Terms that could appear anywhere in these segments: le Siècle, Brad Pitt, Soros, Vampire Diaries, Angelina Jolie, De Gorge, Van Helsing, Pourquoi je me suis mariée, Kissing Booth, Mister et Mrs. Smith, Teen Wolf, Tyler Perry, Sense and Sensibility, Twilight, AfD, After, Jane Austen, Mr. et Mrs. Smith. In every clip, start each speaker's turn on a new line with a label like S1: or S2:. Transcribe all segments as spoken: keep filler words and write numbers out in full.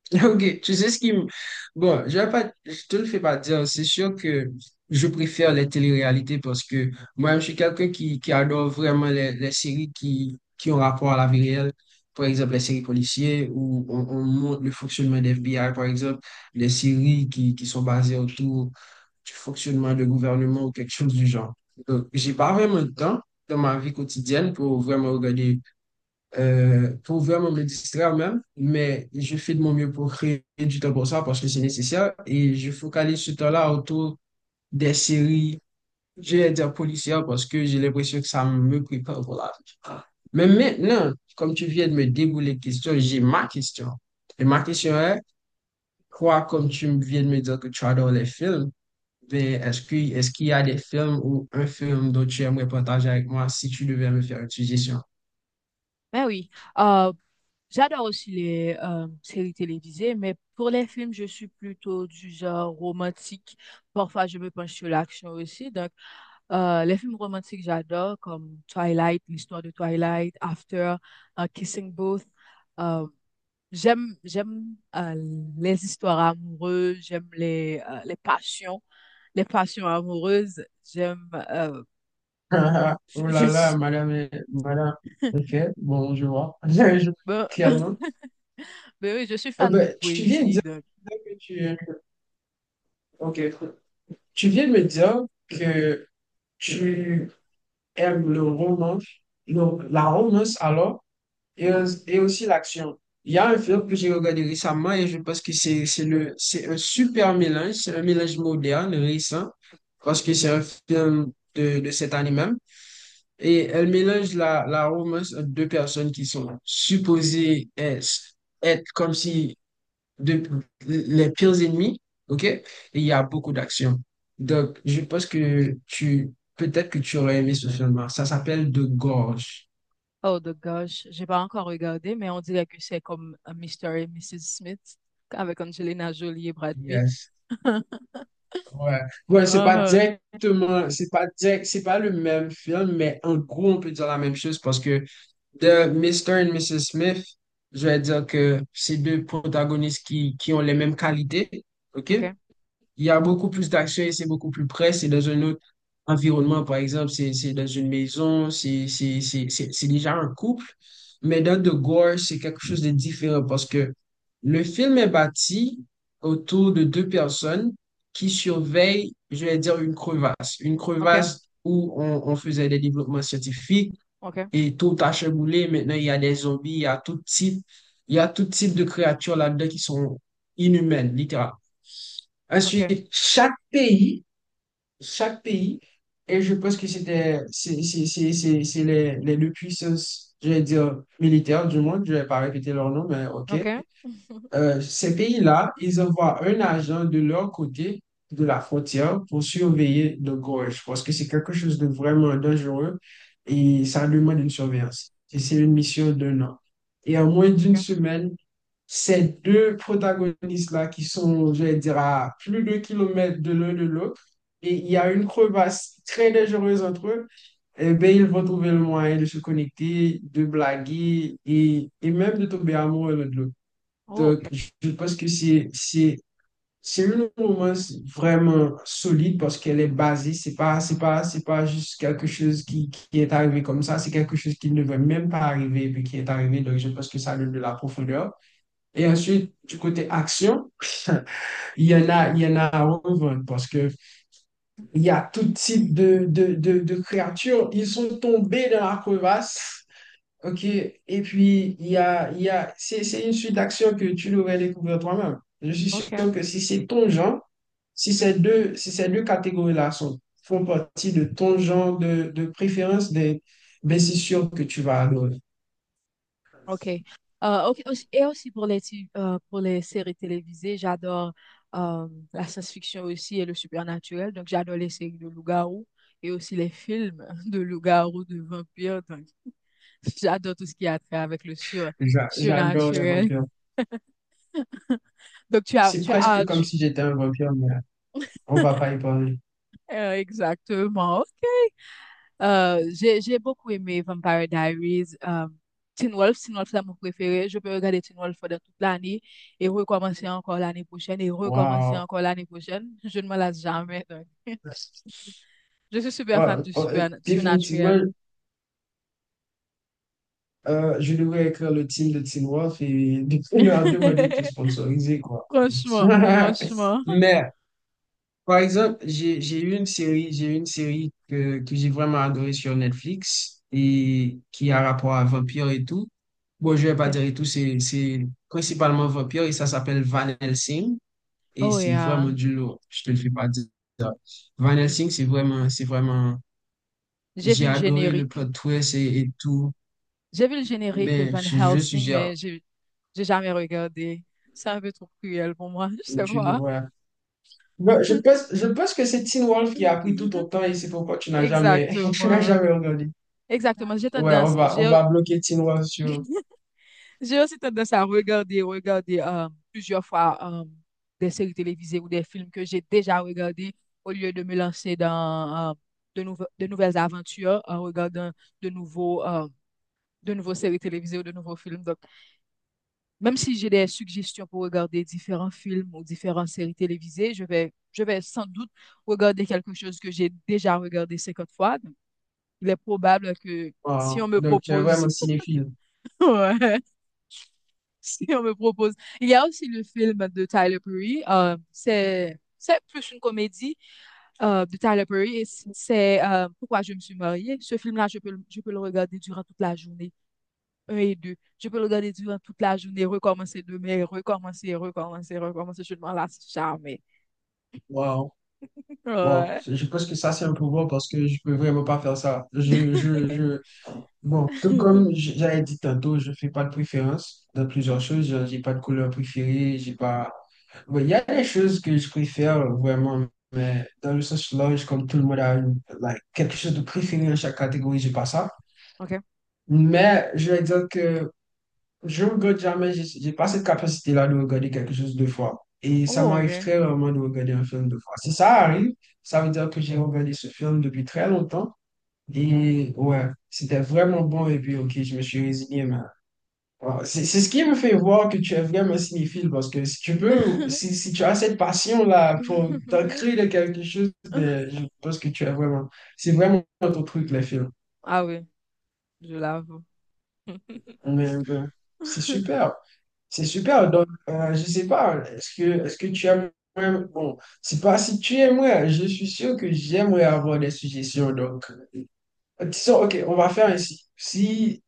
S1: Ok, tu sais ce qui... me- Bon, je vais pas... je te le fais pas dire, c'est sûr que je préfère les téléréalités parce que moi, je suis quelqu'un qui, qui adore vraiment les, les séries qui, qui ont rapport à la vie réelle. Par exemple, les séries policières où on, on montre le fonctionnement des F B I, par exemple, les séries qui, qui sont basées autour du fonctionnement de gouvernement ou quelque chose du genre. Donc, j'ai pas vraiment de temps dans ma vie quotidienne pour vraiment regarder euh, pour vraiment me distraire même, mais je fais de mon mieux pour créer du temps pour ça parce que c'est nécessaire et je focalise ce temps-là autour des séries, je vais dire policières parce que j'ai l'impression que ça me prépare pour la vie. Mais maintenant, comme tu viens de me débouler les questions, j'ai ma question. Et ma question est, quoi, comme tu viens de me dire que tu adores les films, ben, est-ce que, est-ce qu'il y a des films ou un film dont tu aimerais partager avec moi si tu devais me faire une suggestion?
S2: Ben oui, euh, j'adore aussi les euh, séries télévisées, mais pour les films, je suis plutôt du genre romantique. Parfois, je me penche sur l'action aussi. Donc, euh, les films romantiques, j'adore, comme Twilight, l'histoire de Twilight, After, euh, Kissing Booth. Euh, j'aime, j'aime euh, les histoires amoureuses, j'aime les, euh, les passions, les passions amoureuses. J'aime, euh,
S1: Ah, ah,
S2: je,
S1: Oh
S2: je
S1: là là,
S2: suis,
S1: madame, est- madame. Ok, bon, je vois. Je- je-
S2: ben-
S1: Clairement.
S2: ben oui, je suis
S1: Euh,
S2: fan de
S1: ben, tu viens de
S2: poésie,
S1: dire
S2: donc.
S1: que tu... Ok. Tu viens de me dire que tu aimes le romance, le- la romance alors, et, aus- et aussi l'action. Il y a un film que j'ai regardé récemment et je pense que c'est c'est le, c'est un super mélange, c'est un mélange moderne, récent, parce que c'est un film de, de cette année même. Et elle mélange la, la romance entre deux personnes qui sont supposées être, être comme si de- les pires ennemis, ok? Et il y a beaucoup d'action. Donc, je pense que tu, peut-être que tu aurais aimé ce film-là. Ça s'appelle De Gorge.
S2: Oh the gosh, j'ai pas encore regardé, mais on dirait que c'est comme euh, monsieur et madame Smith avec Angelina Jolie et Brad Pitt.
S1: Yes. Ouais. Ouais, c'est pas
S2: Uh-huh.
S1: directement, c'est pas direct, c'est pas le même film, mais en gros, on peut dire la même chose parce que de Mister et madame Smith, je vais dire que c'est deux protagonistes qui, qui ont les mêmes qualités. OK?
S2: Ok,
S1: Il y a beaucoup plus d'action et c'est beaucoup plus près. C'est dans un autre environnement, par exemple, c'est c'est dans une maison, c'est c'est- c'est- c'est- c'est déjà un couple. Mais dans The Gore, c'est quelque chose de différent parce que le film est bâti autour de deux personnes qui surveillent, je vais dire, une crevasse. Une
S2: ok,
S1: crevasse où on, on faisait des développements scientifiques
S2: ok,
S1: et tout a chamboulé. Maintenant, il y a des zombies, il y a tout type, il y a tout type de créatures là-dedans qui sont inhumaines, littéralement.
S2: ok,
S1: Ensuite, chaque pays, chaque pays, et je pense que c'était, c'est c'est- c'est- c'est- c'est les, les deux puissances, je vais dire militaires du monde, je vais pas répéter leur nom, mais ok
S2: ok,
S1: euh, ces pays-là, ils envoient un agent de leur côté de la frontière pour surveiller de gorge, parce que c'est quelque chose de vraiment dangereux et ça demande une surveillance. Et c'est une mission d'un an. Et en moins d'une
S2: ok.
S1: semaine, ces deux protagonistes-là qui sont, je vais dire, à plus de kilomètres de l'un de l'autre, et il y a une crevasse très dangereuse entre eux, eh bien, ils vont trouver le moyen de se connecter, de blaguer et, et même de tomber amoureux l'un de l'autre.
S2: Oh, ok,
S1: Donc, je pense que c'est c'est c'est une romance vraiment solide parce qu'elle est basée. C'est pas c'est pas c'est pas juste quelque chose qui, qui est arrivé comme ça. C'est quelque chose qui ne devait même pas arriver et puis qui est arrivé. Donc, je pense que ça donne de la profondeur. Et ensuite, du côté action, il y en a il y en a à revendre parce que il y a tout type de de, de, de créatures. Ils sont tombés dans la crevasse. Ok, et puis il y a, il y a, c'est, c'est une suite d'actions que tu devrais découvrir toi-même. Je suis
S2: ok,
S1: sûr que si c'est ton genre, si ces deux, si ces deux catégories-là sont, font partie de ton genre de, de préférence, des, ben c'est sûr que tu vas adorer.
S2: ok. Euh, ok, aussi- et aussi pour les, ti- euh, pour les séries télévisées, j'adore euh, la science-fiction aussi et le surnaturel. Donc, j'adore les séries de loup-garou et aussi les films de loup-garou, de vampires. Donc, j'adore tout ce qui a trait avec le sur
S1: J'a- J'adore les
S2: surnaturel.
S1: vampires.
S2: Donc, tu as,
S1: C'est
S2: tu
S1: presque
S2: as,
S1: comme
S2: tu-
S1: si j'étais un vampire, mais on va pas y parler.
S2: euh, exactement, ok. Euh, j'ai, j'ai beaucoup aimé Vampire Diaries. Euh, Teen Wolf, Teen Wolf, c'est mon préféré. Je peux regarder Teen Wolf pendant toute l'année et recommencer encore l'année prochaine et recommencer
S1: Waouh!
S2: encore l'année prochaine. Je ne me lasse jamais, donc. Je suis super
S1: Ouais,
S2: fan du
S1: ouais,
S2: super,
S1: définitivement,
S2: surnaturel.
S1: Euh, je devrais écrire le team de Teen Wolf et leur demander de te sponsoriser, quoi.
S2: Franchement, franchement.
S1: Mais, par exemple, j'ai, j'ai eu une série, j'ai eu une série que, que j'ai vraiment adorée sur Netflix et qui a rapport à vampire et tout. Bon, je vais pas
S2: Ok.
S1: dire et tout, c'est, c'est principalement vampire et ça s'appelle Van Helsing et
S2: Oh,
S1: c'est
S2: et euh,
S1: vraiment du lourd. Je te le fais pas dire. Van
S2: j-
S1: Helsing, c'est vraiment, c'est vraiment,
S2: j'ai vu
S1: j'ai
S2: le
S1: adoré le
S2: générique.
S1: plot twist et, et tout.
S2: J'ai vu le générique de
S1: Ben,
S2: Van
S1: je, je
S2: Helsing,
S1: suggère,
S2: mais j'ai j'ai jamais regardé. C'est un peu trop cruel pour moi, je sais
S1: tu
S2: pas.
S1: devrais Ouais, je pense, je pense que c'est Teen Wolf qui a pris tout ton temps et c'est pourquoi tu n'as jamais, tu n'as
S2: Exactement.
S1: jamais regardé.
S2: Exactement. J'ai
S1: Ouais, on
S2: tendance,
S1: va, on
S2: j'ai,
S1: va bloquer Teen Wolf sur.
S2: j'ai aussi tendance à regarder, regarder euh, plusieurs fois euh, des séries télévisées ou des films que j'ai déjà regardés au lieu de me lancer dans euh, de nouve- de nouvelles aventures en regardant de nouveaux, euh, de nouveaux séries télévisées ou de nouveaux films. Donc, même si j'ai des suggestions pour regarder différents films ou différentes séries télévisées, je vais, je vais sans doute regarder quelque chose que j'ai déjà regardé cinquante fois. Donc, il est probable que si on
S1: Wow.
S2: me
S1: Donc, tu es
S2: propose,
S1: vraiment cinéphile.
S2: ouais, si on me propose. Il y a aussi le film de Tyler Perry. euh, c'est, c'est plus une comédie euh, de Tyler Perry et c'est euh, Pourquoi je me suis mariée. Ce film-là, je peux, le- je peux le regarder durant toute la journée, un et deux. Je peux le regarder durant toute la journée, recommencer demain, recommencer, recommencer, recommencer. Je ne m'en lasse jamais.
S1: Wow. Bon,
S2: Ouais.
S1: je pense que ça, c'est un pouvoir parce que je peux vraiment pas faire ça. Je, je, je... Bon, tout comme j- j'avais dit tantôt, je fais pas de préférence dans plusieurs choses. Genre, j'ai pas de couleur préférée, j'ai pas... Ouais, il y a des choses que je préfère vraiment, mais dans le sens large, comme tout le monde a une- like, quelque chose de préféré dans chaque catégorie, j'ai pas ça.
S2: OK.
S1: Mais je vais dire que je regrette jamais, j'ai j'ai pas cette capacité-là de regarder quelque chose deux fois. Et ça
S2: Oh,
S1: m'arrive
S2: OK.
S1: très rarement de regarder un film deux fois. Si ça arrive, ça veut dire que j'ai regardé ce film depuis très longtemps. Et ouais, c'était vraiment bon. Et puis, ok, je me suis résigné. Mais... voilà. C'est c'est ce qui me fait voir que tu es vraiment cinéphile. Parce que si tu veux, si, si tu as cette passion-là pour t'ancrer de quelque chose, de- je pense que tu es vraiment. C'est vraiment ton truc, les films.
S2: Ah oui, je l'avoue.
S1: Mais, ben, c'est super. C'est super. Donc, euh, je sais pas, est-ce que, est-ce que tu aimes. Bon, c'est pas si tu aimerais. Je suis sûr que j'aimerais avoir des suggestions. Donc, euh, disons, OK, on va faire ainsi. Si,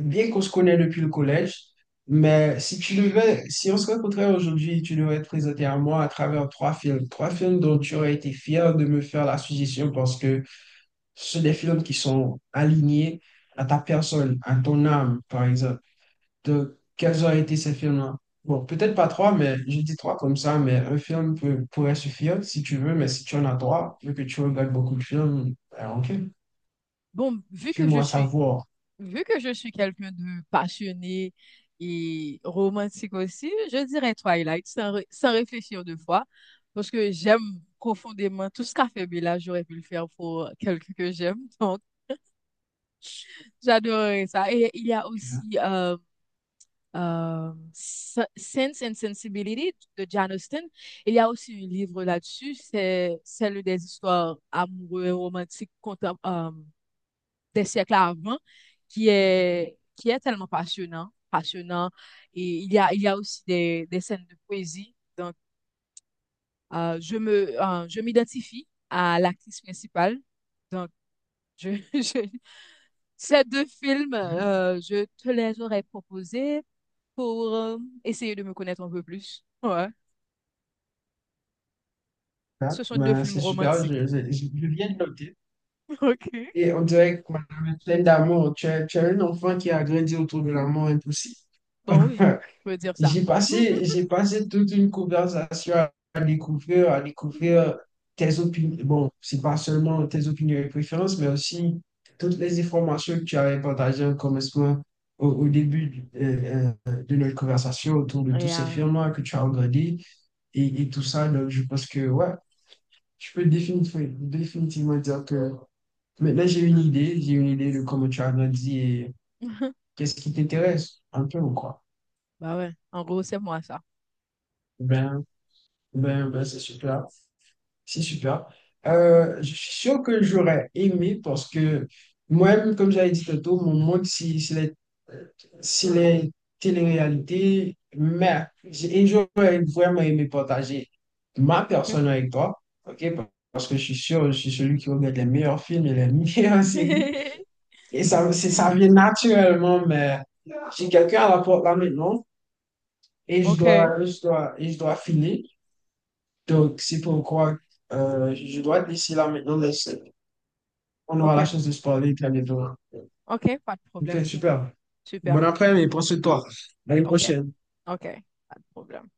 S1: bien qu'on se connaît depuis le collège, mais si tu devais, si on se rencontrait aujourd'hui, tu devrais te présenter à moi à travers trois films. Trois films dont tu aurais été fier de me faire la suggestion parce que ce sont des films qui sont alignés à ta personne, à ton âme, par exemple de quels ont été ces films-là. Bon, peut-être pas trois, mais j'ai dit trois comme ça, mais un film peut- pourrait suffire si tu veux, mais si tu en as trois, vu que tu regardes beaucoup de films, ben, ok,
S2: Bon, vu que je
S1: fais-moi
S2: suis,
S1: savoir.
S2: vu que je suis quelqu'un de passionné et romantique aussi, je dirais Twilight sans, ré- sans réfléchir deux fois parce que j'aime profondément tout ce qu'a fait Bella, j'aurais pu le faire pour quelqu'un que j'aime. Donc, j'adorerais ça. Et il y a aussi euh, euh, Sense and Sensibility de Jane Austen. Il y a aussi un livre là-dessus, c'est celle des histoires amoureuses et romantiques euh, des siècles avant, qui est, qui est tellement passionnant, passionnant. Et il y a, il y a aussi des, des scènes de poésie. Donc, euh, je me, euh, je m'identifie à l'actrice principale. Donc, je, je- ces deux films, euh, je te les aurais proposés, pour euh, essayer de me connaître un peu plus. Ouais.
S1: Hein?
S2: Ce sont deux
S1: Ben,
S2: films
S1: c'est super,
S2: romantiques.
S1: je, je, je- je viens de noter.
S2: Ok.
S1: Et on dirait que madame est pleine d'amour. Tu es, tu es un enfant qui a grandi autour de l'amour impossible.
S2: Bon, oui, je veux dire ça.
S1: J'ai passé, j'ai passé toute une conversation à découvrir, à découvrir tes opinions. Bon, c'est pas seulement tes opinions et préférences, mais aussi toutes les informations que tu avais partagées en commencement au, au début du- euh, euh, de notre conversation autour de tous
S2: Et,
S1: ces
S2: euh,
S1: films-là que tu as regardés et, et tout ça. Donc, je pense que, ouais, je peux définitivement, définitivement dire que maintenant j'ai une idée, j'ai une idée de comment tu as grandi et qu'est-ce qui t'intéresse un peu ou quoi.
S2: bah ouais, en gros, c'est moi ça.
S1: Ben, ben, ben, c'est super. C'est super. Euh, je suis sûr que j'aurais aimé parce que moi-même, comme j'avais dit tantôt, mon monde, c'est c'est les, euh, c'est les téléréalités. Mais j'ai- et j'aurais vraiment aimé partager ma
S2: OK?
S1: personne avec toi, ok? Parce que je suis sûr, je suis celui qui regarde les meilleurs films et les meilleures séries. Et ça, c'est- ça vient naturellement, mais j'ai quelqu'un à la porte là maintenant et je
S2: OK,
S1: dois, je dois, et je dois filer. Donc, c'est pourquoi euh, je dois te laisser là maintenant, mais c'est- on aura la
S2: OK,
S1: chance de se parler très bientôt.
S2: OK, pas de
S1: Ok,
S2: problème. Think.
S1: super.
S2: Super.
S1: Bon après-midi, prends soin de toi. À une
S2: OK,
S1: prochaine.
S2: OK, pas de problème.